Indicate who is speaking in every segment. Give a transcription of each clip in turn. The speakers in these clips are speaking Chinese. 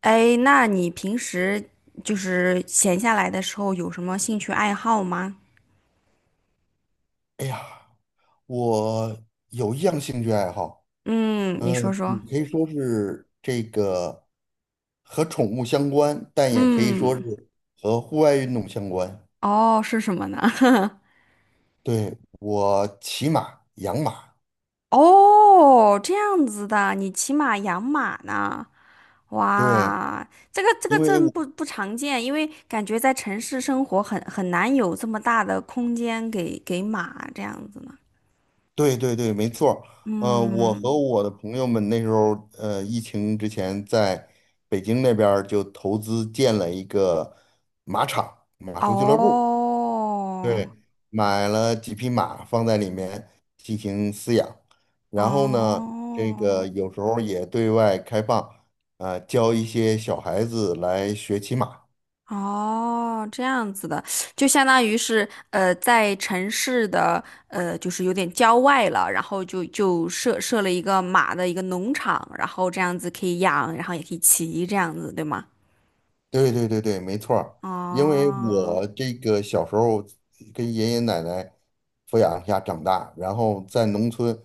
Speaker 1: 哎，那你平时就是闲下来的时候有什么兴趣爱好吗？
Speaker 2: 哎呀，我有一样兴趣爱好。
Speaker 1: 嗯，你
Speaker 2: 呃，
Speaker 1: 说说。
Speaker 2: 你可以说是这个和宠物相关，但也可以说
Speaker 1: 嗯，
Speaker 2: 是和户外运动相关。
Speaker 1: 哦，是什么呢？
Speaker 2: 对，我骑马、养马。
Speaker 1: 哦，这样子的，你骑马养马呢？
Speaker 2: 对，
Speaker 1: 哇，这个这个
Speaker 2: 因为
Speaker 1: 真
Speaker 2: 我
Speaker 1: 不常见，因为感觉在城市生活很难有这么大的空间给马这样子呢。
Speaker 2: 对对对，没错儿。我和
Speaker 1: 嗯，
Speaker 2: 我的朋友们那时候，疫情之前在北京那边儿就投资建了一个马场、马术俱乐部。
Speaker 1: 哦，
Speaker 2: 对，买了几匹马放在里面进行饲养，然后呢，这个
Speaker 1: 哦。
Speaker 2: 有时候也对外开放，啊，教一些小孩子来学骑马。
Speaker 1: 哦，这样子的，就相当于是在城市的，就是有点郊外了，然后就设了一个马的一个农场，然后这样子可以养，然后也可以骑，这样子，对吗？
Speaker 2: 对对对对，没错儿。因为
Speaker 1: 哦，
Speaker 2: 我这个小时候跟爷爷奶奶抚养下长大，然后在农村，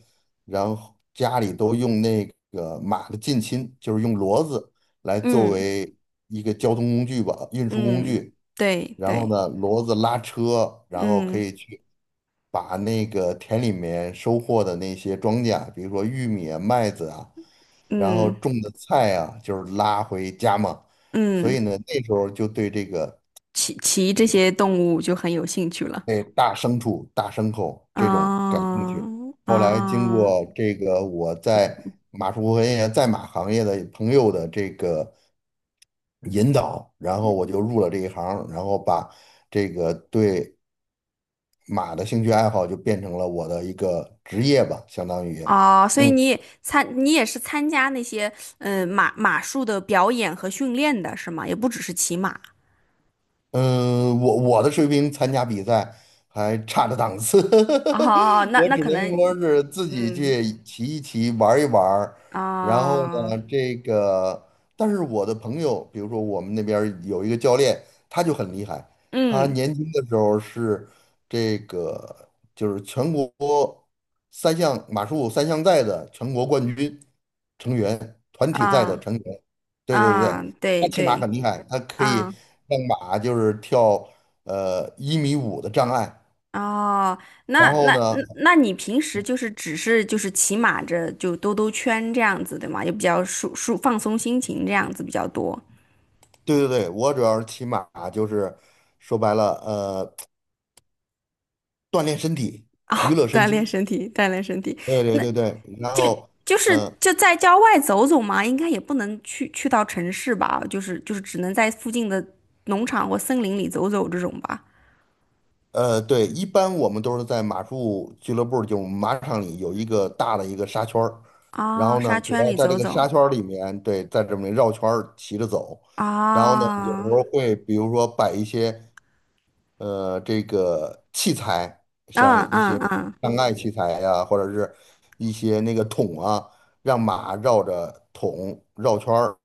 Speaker 2: 然后家里都用那个马的近亲，就是用骡子来作
Speaker 1: 嗯
Speaker 2: 为一个交通工具吧，运输工
Speaker 1: 嗯，
Speaker 2: 具。
Speaker 1: 对
Speaker 2: 然后
Speaker 1: 对，
Speaker 2: 呢，骡子拉车，然后可
Speaker 1: 嗯
Speaker 2: 以去把那个田里面收获的那些庄稼，比如说玉米啊、麦子啊，然后
Speaker 1: 嗯
Speaker 2: 种的菜啊，就是拉回家嘛。所以
Speaker 1: 嗯，
Speaker 2: 呢，那时候就对
Speaker 1: 骑
Speaker 2: 这
Speaker 1: 这
Speaker 2: 种
Speaker 1: 些动物就很有兴趣了。
Speaker 2: 对大牲畜、大牲口这种感
Speaker 1: 啊
Speaker 2: 兴趣。后来经
Speaker 1: 啊。哦
Speaker 2: 过这个我在马术和也在马行业的朋友的这个引导，然后我就入了这一行，然后把这个对。马的兴趣爱好就变成了我的一个职业吧，相当于。
Speaker 1: 哦，所以
Speaker 2: 嗯
Speaker 1: 你也参，你也是参加那些，嗯，马术的表演和训练的是吗？也不只是骑马。
Speaker 2: 嗯，我的水平参加比赛还差着档次，
Speaker 1: 哦，那
Speaker 2: 我
Speaker 1: 那
Speaker 2: 只
Speaker 1: 可
Speaker 2: 能说
Speaker 1: 能，
Speaker 2: 是自己
Speaker 1: 嗯
Speaker 2: 去骑一骑，玩一玩儿。然后
Speaker 1: 啊，
Speaker 2: 呢，这个，但是我的朋友，比如说我们那边儿有一个教练，他就很厉害。他
Speaker 1: 嗯
Speaker 2: 年轻的时候是这个，就是全国三项马术三项赛的全国冠军成员，团体赛的
Speaker 1: 啊
Speaker 2: 成员。对对
Speaker 1: 啊，
Speaker 2: 对，他
Speaker 1: 对
Speaker 2: 骑马
Speaker 1: 对
Speaker 2: 很厉害，他可以
Speaker 1: 啊
Speaker 2: 让马就是跳1.5米的障碍。
Speaker 1: 哦，那
Speaker 2: 然后
Speaker 1: 那
Speaker 2: 呢，
Speaker 1: 那那你平时就是只是就是骑马着就兜兜圈这样子对吗？也比较放松心情这样子比较多。
Speaker 2: 对对对，我主要是骑马，就是说白了，锻炼身体，
Speaker 1: 哦，
Speaker 2: 娱乐 身
Speaker 1: 锻炼
Speaker 2: 心。
Speaker 1: 身体，锻炼身体。
Speaker 2: 对对
Speaker 1: 那。
Speaker 2: 对对，然
Speaker 1: 就
Speaker 2: 后，
Speaker 1: 是
Speaker 2: 嗯。
Speaker 1: 就在郊外走走嘛，应该也不能去到城市吧，就是只能在附近的农场或森林里走走这种吧。
Speaker 2: 对，一般我们都是在马术俱乐部，就马场里有一个大的一个沙圈儿，然
Speaker 1: 啊、
Speaker 2: 后呢，
Speaker 1: 沙
Speaker 2: 主
Speaker 1: 圈
Speaker 2: 要
Speaker 1: 里
Speaker 2: 在这
Speaker 1: 走
Speaker 2: 个
Speaker 1: 走
Speaker 2: 沙圈儿里面，对，在这里面绕圈儿骑着走，然后呢，有时
Speaker 1: 啊，
Speaker 2: 候会比如说摆一些。这个器材，像
Speaker 1: 嗯
Speaker 2: 一
Speaker 1: 嗯
Speaker 2: 些
Speaker 1: 嗯，
Speaker 2: 障碍器材呀、或者是一些那个桶啊，让马绕着桶绕圈儿，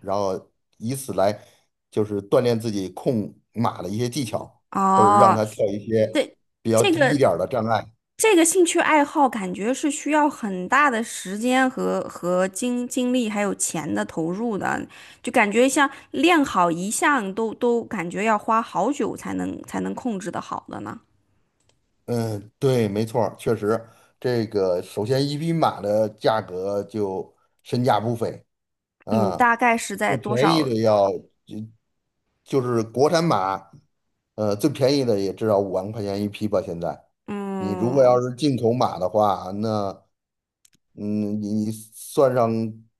Speaker 2: 然后以此来就是锻炼自己控马的一些技巧，或者让
Speaker 1: 哦，
Speaker 2: 它跳一些
Speaker 1: 对，
Speaker 2: 比较
Speaker 1: 这
Speaker 2: 低一
Speaker 1: 个
Speaker 2: 点儿的障碍。
Speaker 1: 这个兴趣爱好感觉是需要很大的时间和精力还有钱的投入的，就感觉像练好一项都感觉要花好久才能控制的好的呢。
Speaker 2: 嗯，对，没错儿，确实。这个首先一匹马的价格就身价不菲
Speaker 1: 嗯，
Speaker 2: 啊。
Speaker 1: 大概是在
Speaker 2: 最
Speaker 1: 多
Speaker 2: 便宜
Speaker 1: 少？
Speaker 2: 的要，就是国产马。最便宜的也至少5万块钱一匹吧。现在，你如果
Speaker 1: 嗯，
Speaker 2: 要是进口马的话，那嗯，你算上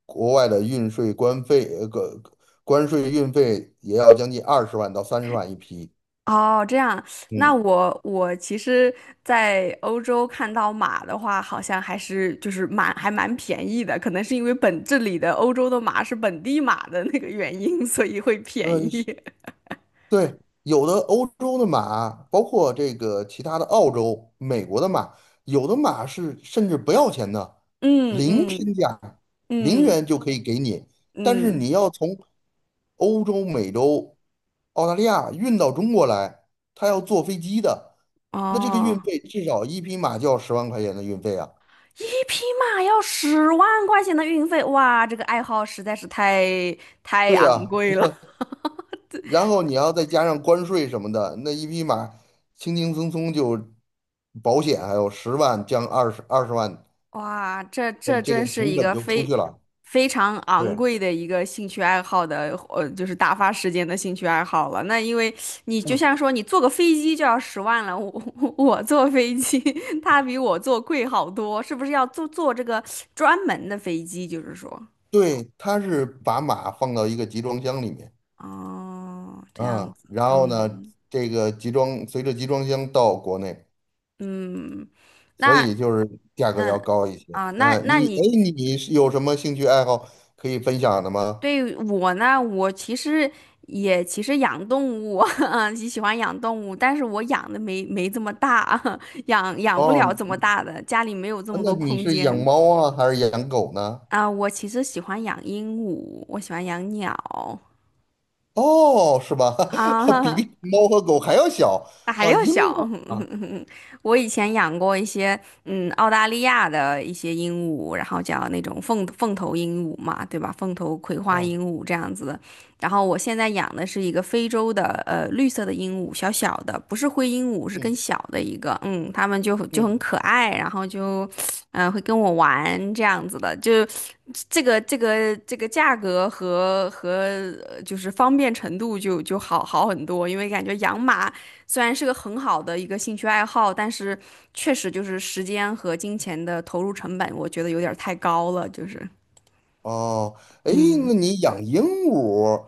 Speaker 2: 国外的运税、关费，个关税、运费，也要将近二十万到30万一匹。
Speaker 1: 哦，这样。那
Speaker 2: 嗯，
Speaker 1: 我其实，在欧洲看到马的话，好像还是就是蛮还蛮便宜的，可能是因为本这里的欧洲的马是本地马的那个原因，所以会便
Speaker 2: 呃，
Speaker 1: 宜。
Speaker 2: 对，有的欧洲的马，包括这个其他的澳洲、美国的马，有的马是甚至不要钱的，
Speaker 1: 嗯
Speaker 2: 零
Speaker 1: 嗯
Speaker 2: 身价，零
Speaker 1: 嗯
Speaker 2: 元就可以给你。但是
Speaker 1: 嗯，
Speaker 2: 你要从欧洲、美洲、澳大利亚运到中国来，他要坐飞机的。那这个运
Speaker 1: 哦，
Speaker 2: 费至少一匹马就要10万块钱的运费啊。
Speaker 1: 一匹马要十万块钱的运费，哇，这个爱好实在是太
Speaker 2: 对
Speaker 1: 昂
Speaker 2: 啊，
Speaker 1: 贵了。
Speaker 2: 然后你要再加上关税什么的，那一匹马轻轻松松就保险还有十万降二十万，
Speaker 1: 哇，这这
Speaker 2: 这
Speaker 1: 真
Speaker 2: 个
Speaker 1: 是
Speaker 2: 成
Speaker 1: 一
Speaker 2: 本
Speaker 1: 个
Speaker 2: 就出
Speaker 1: 非
Speaker 2: 去了。
Speaker 1: 非常昂
Speaker 2: 对，
Speaker 1: 贵的一个兴趣爱好的，就是打发时间的兴趣爱好了。那因为你就
Speaker 2: 嗯，
Speaker 1: 像说你坐个飞机就要十万了，我坐飞机，他比我坐贵好多，是不是要坐这个专门的飞机？就是说，
Speaker 2: 对，他是把马放到一个集装箱里面，
Speaker 1: 哦，这样
Speaker 2: 嗯，
Speaker 1: 子，
Speaker 2: 然后呢，
Speaker 1: 嗯
Speaker 2: 这个随着集装箱到国内，
Speaker 1: 嗯，
Speaker 2: 所
Speaker 1: 那
Speaker 2: 以就是价格要
Speaker 1: 嗯
Speaker 2: 高一些。
Speaker 1: 啊，那
Speaker 2: 嗯，
Speaker 1: 那
Speaker 2: 哎，
Speaker 1: 你
Speaker 2: 你是有什么兴趣爱好可以分享的吗？
Speaker 1: 对我呢，我其实也其实养动物，嗯，喜欢养动物，但是我养的没这么大，养不
Speaker 2: 哦，
Speaker 1: 了这么大的，家里没有这么
Speaker 2: 那
Speaker 1: 多
Speaker 2: 你
Speaker 1: 空
Speaker 2: 是养
Speaker 1: 间
Speaker 2: 猫啊，还是养狗呢？
Speaker 1: 啊。我其实喜欢养鹦鹉，我喜欢养鸟
Speaker 2: 哦，是吧？比
Speaker 1: 啊，
Speaker 2: 比 猫和狗还要小。
Speaker 1: 还
Speaker 2: 啊，
Speaker 1: 要
Speaker 2: 鹦
Speaker 1: 小，
Speaker 2: 鹉啊。
Speaker 1: 我以前养过一些，嗯，澳大利亚的一些鹦鹉，然后叫那种凤头鹦鹉嘛，对吧？凤头葵花
Speaker 2: 哦，
Speaker 1: 鹦鹉这样子的。然后我现在养的是一个非洲的，呃，绿色的鹦鹉，小小的，不是灰鹦鹉，是
Speaker 2: 嗯
Speaker 1: 更小的一个。嗯，它们就很
Speaker 2: 嗯，
Speaker 1: 可爱，然后就，嗯、会跟我玩这样子的，就这个这个这个价格和就是方便程度就好好很多，因为感觉养马虽然是个很好的一个兴趣爱好，但是确实就是时间和金钱的投入成本，我觉得有点儿太高了。就是
Speaker 2: 哦。哎，那你养鹦鹉。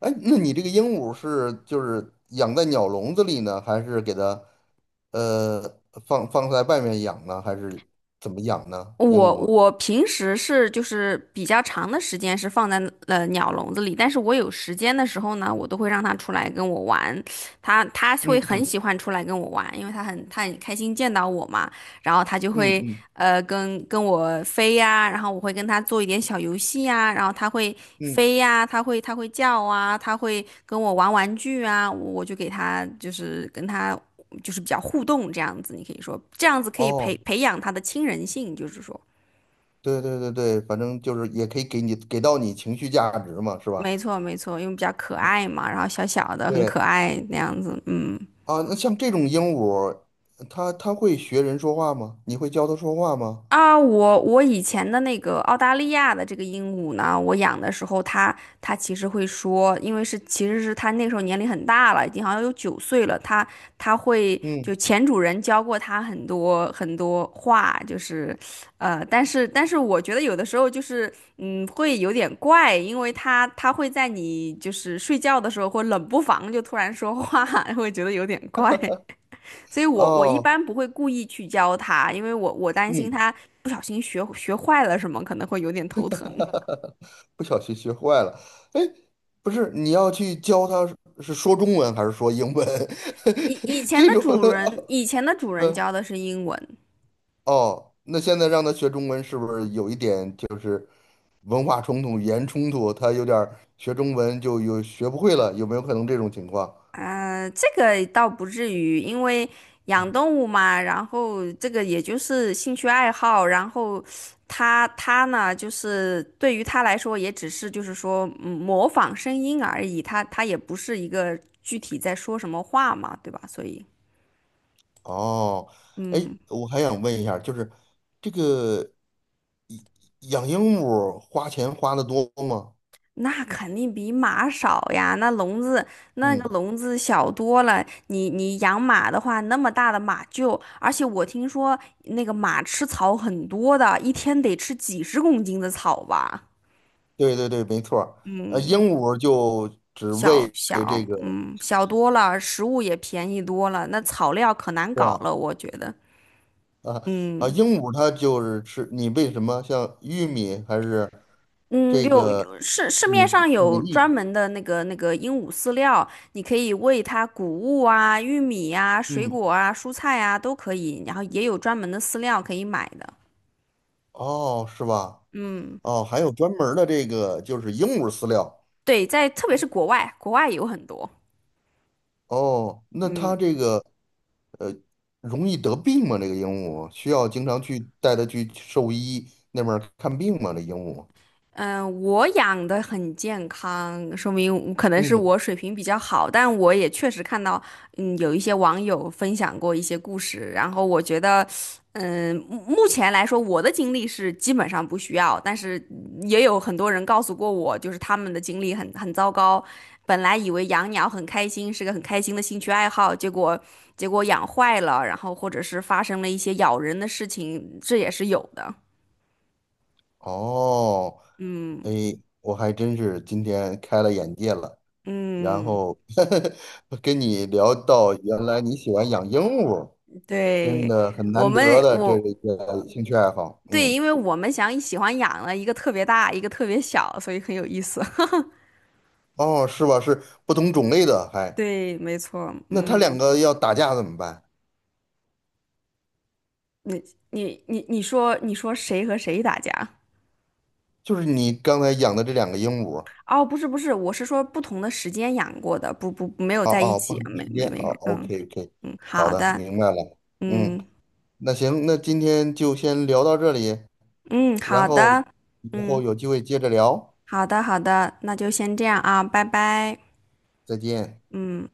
Speaker 2: 哎，那你这个鹦鹉是就是养在鸟笼子里呢，还是给它呃放在外面养呢，还是怎么养呢？鹦
Speaker 1: 我
Speaker 2: 鹉？
Speaker 1: 我平时是就是比较长的时间是放在了鸟笼子里，但是我有时间的时候呢，我都会让它出来跟我玩，它会
Speaker 2: 嗯
Speaker 1: 很
Speaker 2: 嗯
Speaker 1: 喜欢出来跟我玩，因为它很它很开心见到我嘛。然后他就
Speaker 2: 嗯
Speaker 1: 会
Speaker 2: 嗯
Speaker 1: 跟我飞呀，然后我会跟他做一点小游戏呀，然后他会
Speaker 2: 嗯，
Speaker 1: 飞呀，他会他会叫啊，他会跟我玩玩具啊，我就给他就是跟他就是比较互动这样子，你可以说这样子可以培
Speaker 2: 哦，
Speaker 1: 培养他的亲人性，就是说，
Speaker 2: 对对对对，反正就是也可以给你给到你情绪价值嘛，是吧？
Speaker 1: 没错没错，因为比较可爱嘛，然后小小的很可
Speaker 2: 对。
Speaker 1: 爱那样子，嗯。
Speaker 2: 啊，那像这种鹦鹉，它会学人说话吗？你会教它说话吗？
Speaker 1: 啊，我以前的那个澳大利亚的这个鹦鹉呢，我养的时候它，它其实会说，因为是其实是它那时候年龄很大了，已经好像有九岁了，它它会就
Speaker 2: 嗯，
Speaker 1: 前主人教过它很多很多话，就是，呃，但是我觉得有的时候就是，嗯，会有点怪，因为它会在你就是睡觉的时候或冷不防就突然说话，会觉得有点怪。所以我一
Speaker 2: 哦，
Speaker 1: 般不会故意去教它，因为我担心
Speaker 2: 嗯。
Speaker 1: 它不小心学坏了什么，可能会有点头疼。
Speaker 2: 不小心学坏了。哎，不是，你要去教它是说中文还是说英文？这种，
Speaker 1: 以前的主 人
Speaker 2: 嗯。
Speaker 1: 教的是英文，
Speaker 2: 哦，那现在让它学中文是不是有一点就是文化冲突、语言冲突？它有点儿学中文就有学不会了，有没有可能这种情况？
Speaker 1: 这个倒不至于，因为养动物嘛，然后这个也就是兴趣爱好，然后它呢，就是对于它来说，也只是就是说，嗯，模仿声音而已，它也不是一个具体在说什么话嘛，对吧？所以
Speaker 2: 哦，哎，
Speaker 1: 嗯。
Speaker 2: 我还想问一下，就是这个。养鹦鹉花钱花的多吗？
Speaker 1: 那肯定比马少呀，那笼子那个
Speaker 2: 嗯，
Speaker 1: 笼子小多了。你养马的话，那么大的马厩，而且我听说那个马吃草很多的，一天得吃几十公斤的草吧。
Speaker 2: 对对对，没错儿。鹦
Speaker 1: 嗯，
Speaker 2: 鹉就只
Speaker 1: 小
Speaker 2: 喂
Speaker 1: 小
Speaker 2: 这个，
Speaker 1: 嗯小多了，食物也便宜多了，那草料可难
Speaker 2: 是
Speaker 1: 搞
Speaker 2: 吧？
Speaker 1: 了，我觉得。
Speaker 2: 啊啊，
Speaker 1: 嗯。
Speaker 2: 鹦鹉它就是吃你喂什么？像玉米还是
Speaker 1: 嗯，
Speaker 2: 这
Speaker 1: 有
Speaker 2: 个
Speaker 1: 有市市
Speaker 2: 米
Speaker 1: 面上
Speaker 2: 米
Speaker 1: 有专
Speaker 2: 粒？
Speaker 1: 门的那个那个鹦鹉饲料，你可以喂它谷物啊、玉米啊、水
Speaker 2: 嗯，
Speaker 1: 果啊、蔬菜啊都可以，然后也有专门的饲料可以买的。
Speaker 2: 哦，是吧？
Speaker 1: 嗯，
Speaker 2: 哦，还有专门儿的这个就是鹦鹉饲料。
Speaker 1: 对，在特别是国外，国外有很多。
Speaker 2: 哦，那它
Speaker 1: 嗯。
Speaker 2: 这个呃容易得病吗？这个鹦鹉需要经常去带它去兽医那边儿看病吗？这鹦鹉？
Speaker 1: 嗯，我养的很健康，说明可能是
Speaker 2: 嗯。
Speaker 1: 我水平比较好，但我也确实看到，嗯，有一些网友分享过一些故事，然后我觉得，嗯，目前来说，我的经历是基本上不需要，但是也有很多人告诉过我，就是他们的经历很糟糕，本来以为养鸟很开心，是个很开心的兴趣爱好，结果养坏了，然后或者是发生了一些咬人的事情，这也是有的，
Speaker 2: 哦，哎，
Speaker 1: 嗯
Speaker 2: 我还真是今天开了眼界了。然
Speaker 1: 嗯。
Speaker 2: 后 跟你聊到，原来你喜欢养鹦鹉，真
Speaker 1: 对，
Speaker 2: 的很
Speaker 1: 我
Speaker 2: 难
Speaker 1: 们，
Speaker 2: 得的这
Speaker 1: 我，
Speaker 2: 一个兴趣爱好。
Speaker 1: 对，
Speaker 2: 嗯，
Speaker 1: 因为我们想喜欢养了一个特别大，一个特别小，所以很有意思。
Speaker 2: 哦，是吧？是不同种类的，
Speaker 1: 对，没错，
Speaker 2: 那它两
Speaker 1: 嗯，
Speaker 2: 个要打架怎么办？
Speaker 1: 你你你说谁和谁打架？
Speaker 2: 就是你刚才养的这两个鹦鹉，
Speaker 1: 哦，不是不是，我是说不同的时间养过的，不不没有
Speaker 2: 哦
Speaker 1: 在一
Speaker 2: 哦，不
Speaker 1: 起，
Speaker 2: 同时间，
Speaker 1: 没
Speaker 2: 哦
Speaker 1: 事，嗯
Speaker 2: ，OK OK,
Speaker 1: 嗯，
Speaker 2: 好
Speaker 1: 好
Speaker 2: 的，
Speaker 1: 的，
Speaker 2: 明白了。嗯，
Speaker 1: 嗯
Speaker 2: 那行，那今天就先聊到这里，
Speaker 1: 嗯
Speaker 2: 然
Speaker 1: 好
Speaker 2: 后
Speaker 1: 的，
Speaker 2: 以后
Speaker 1: 嗯
Speaker 2: 有机会接着聊。
Speaker 1: 好的好的，那就先这样啊，拜拜，
Speaker 2: 再见。
Speaker 1: 嗯。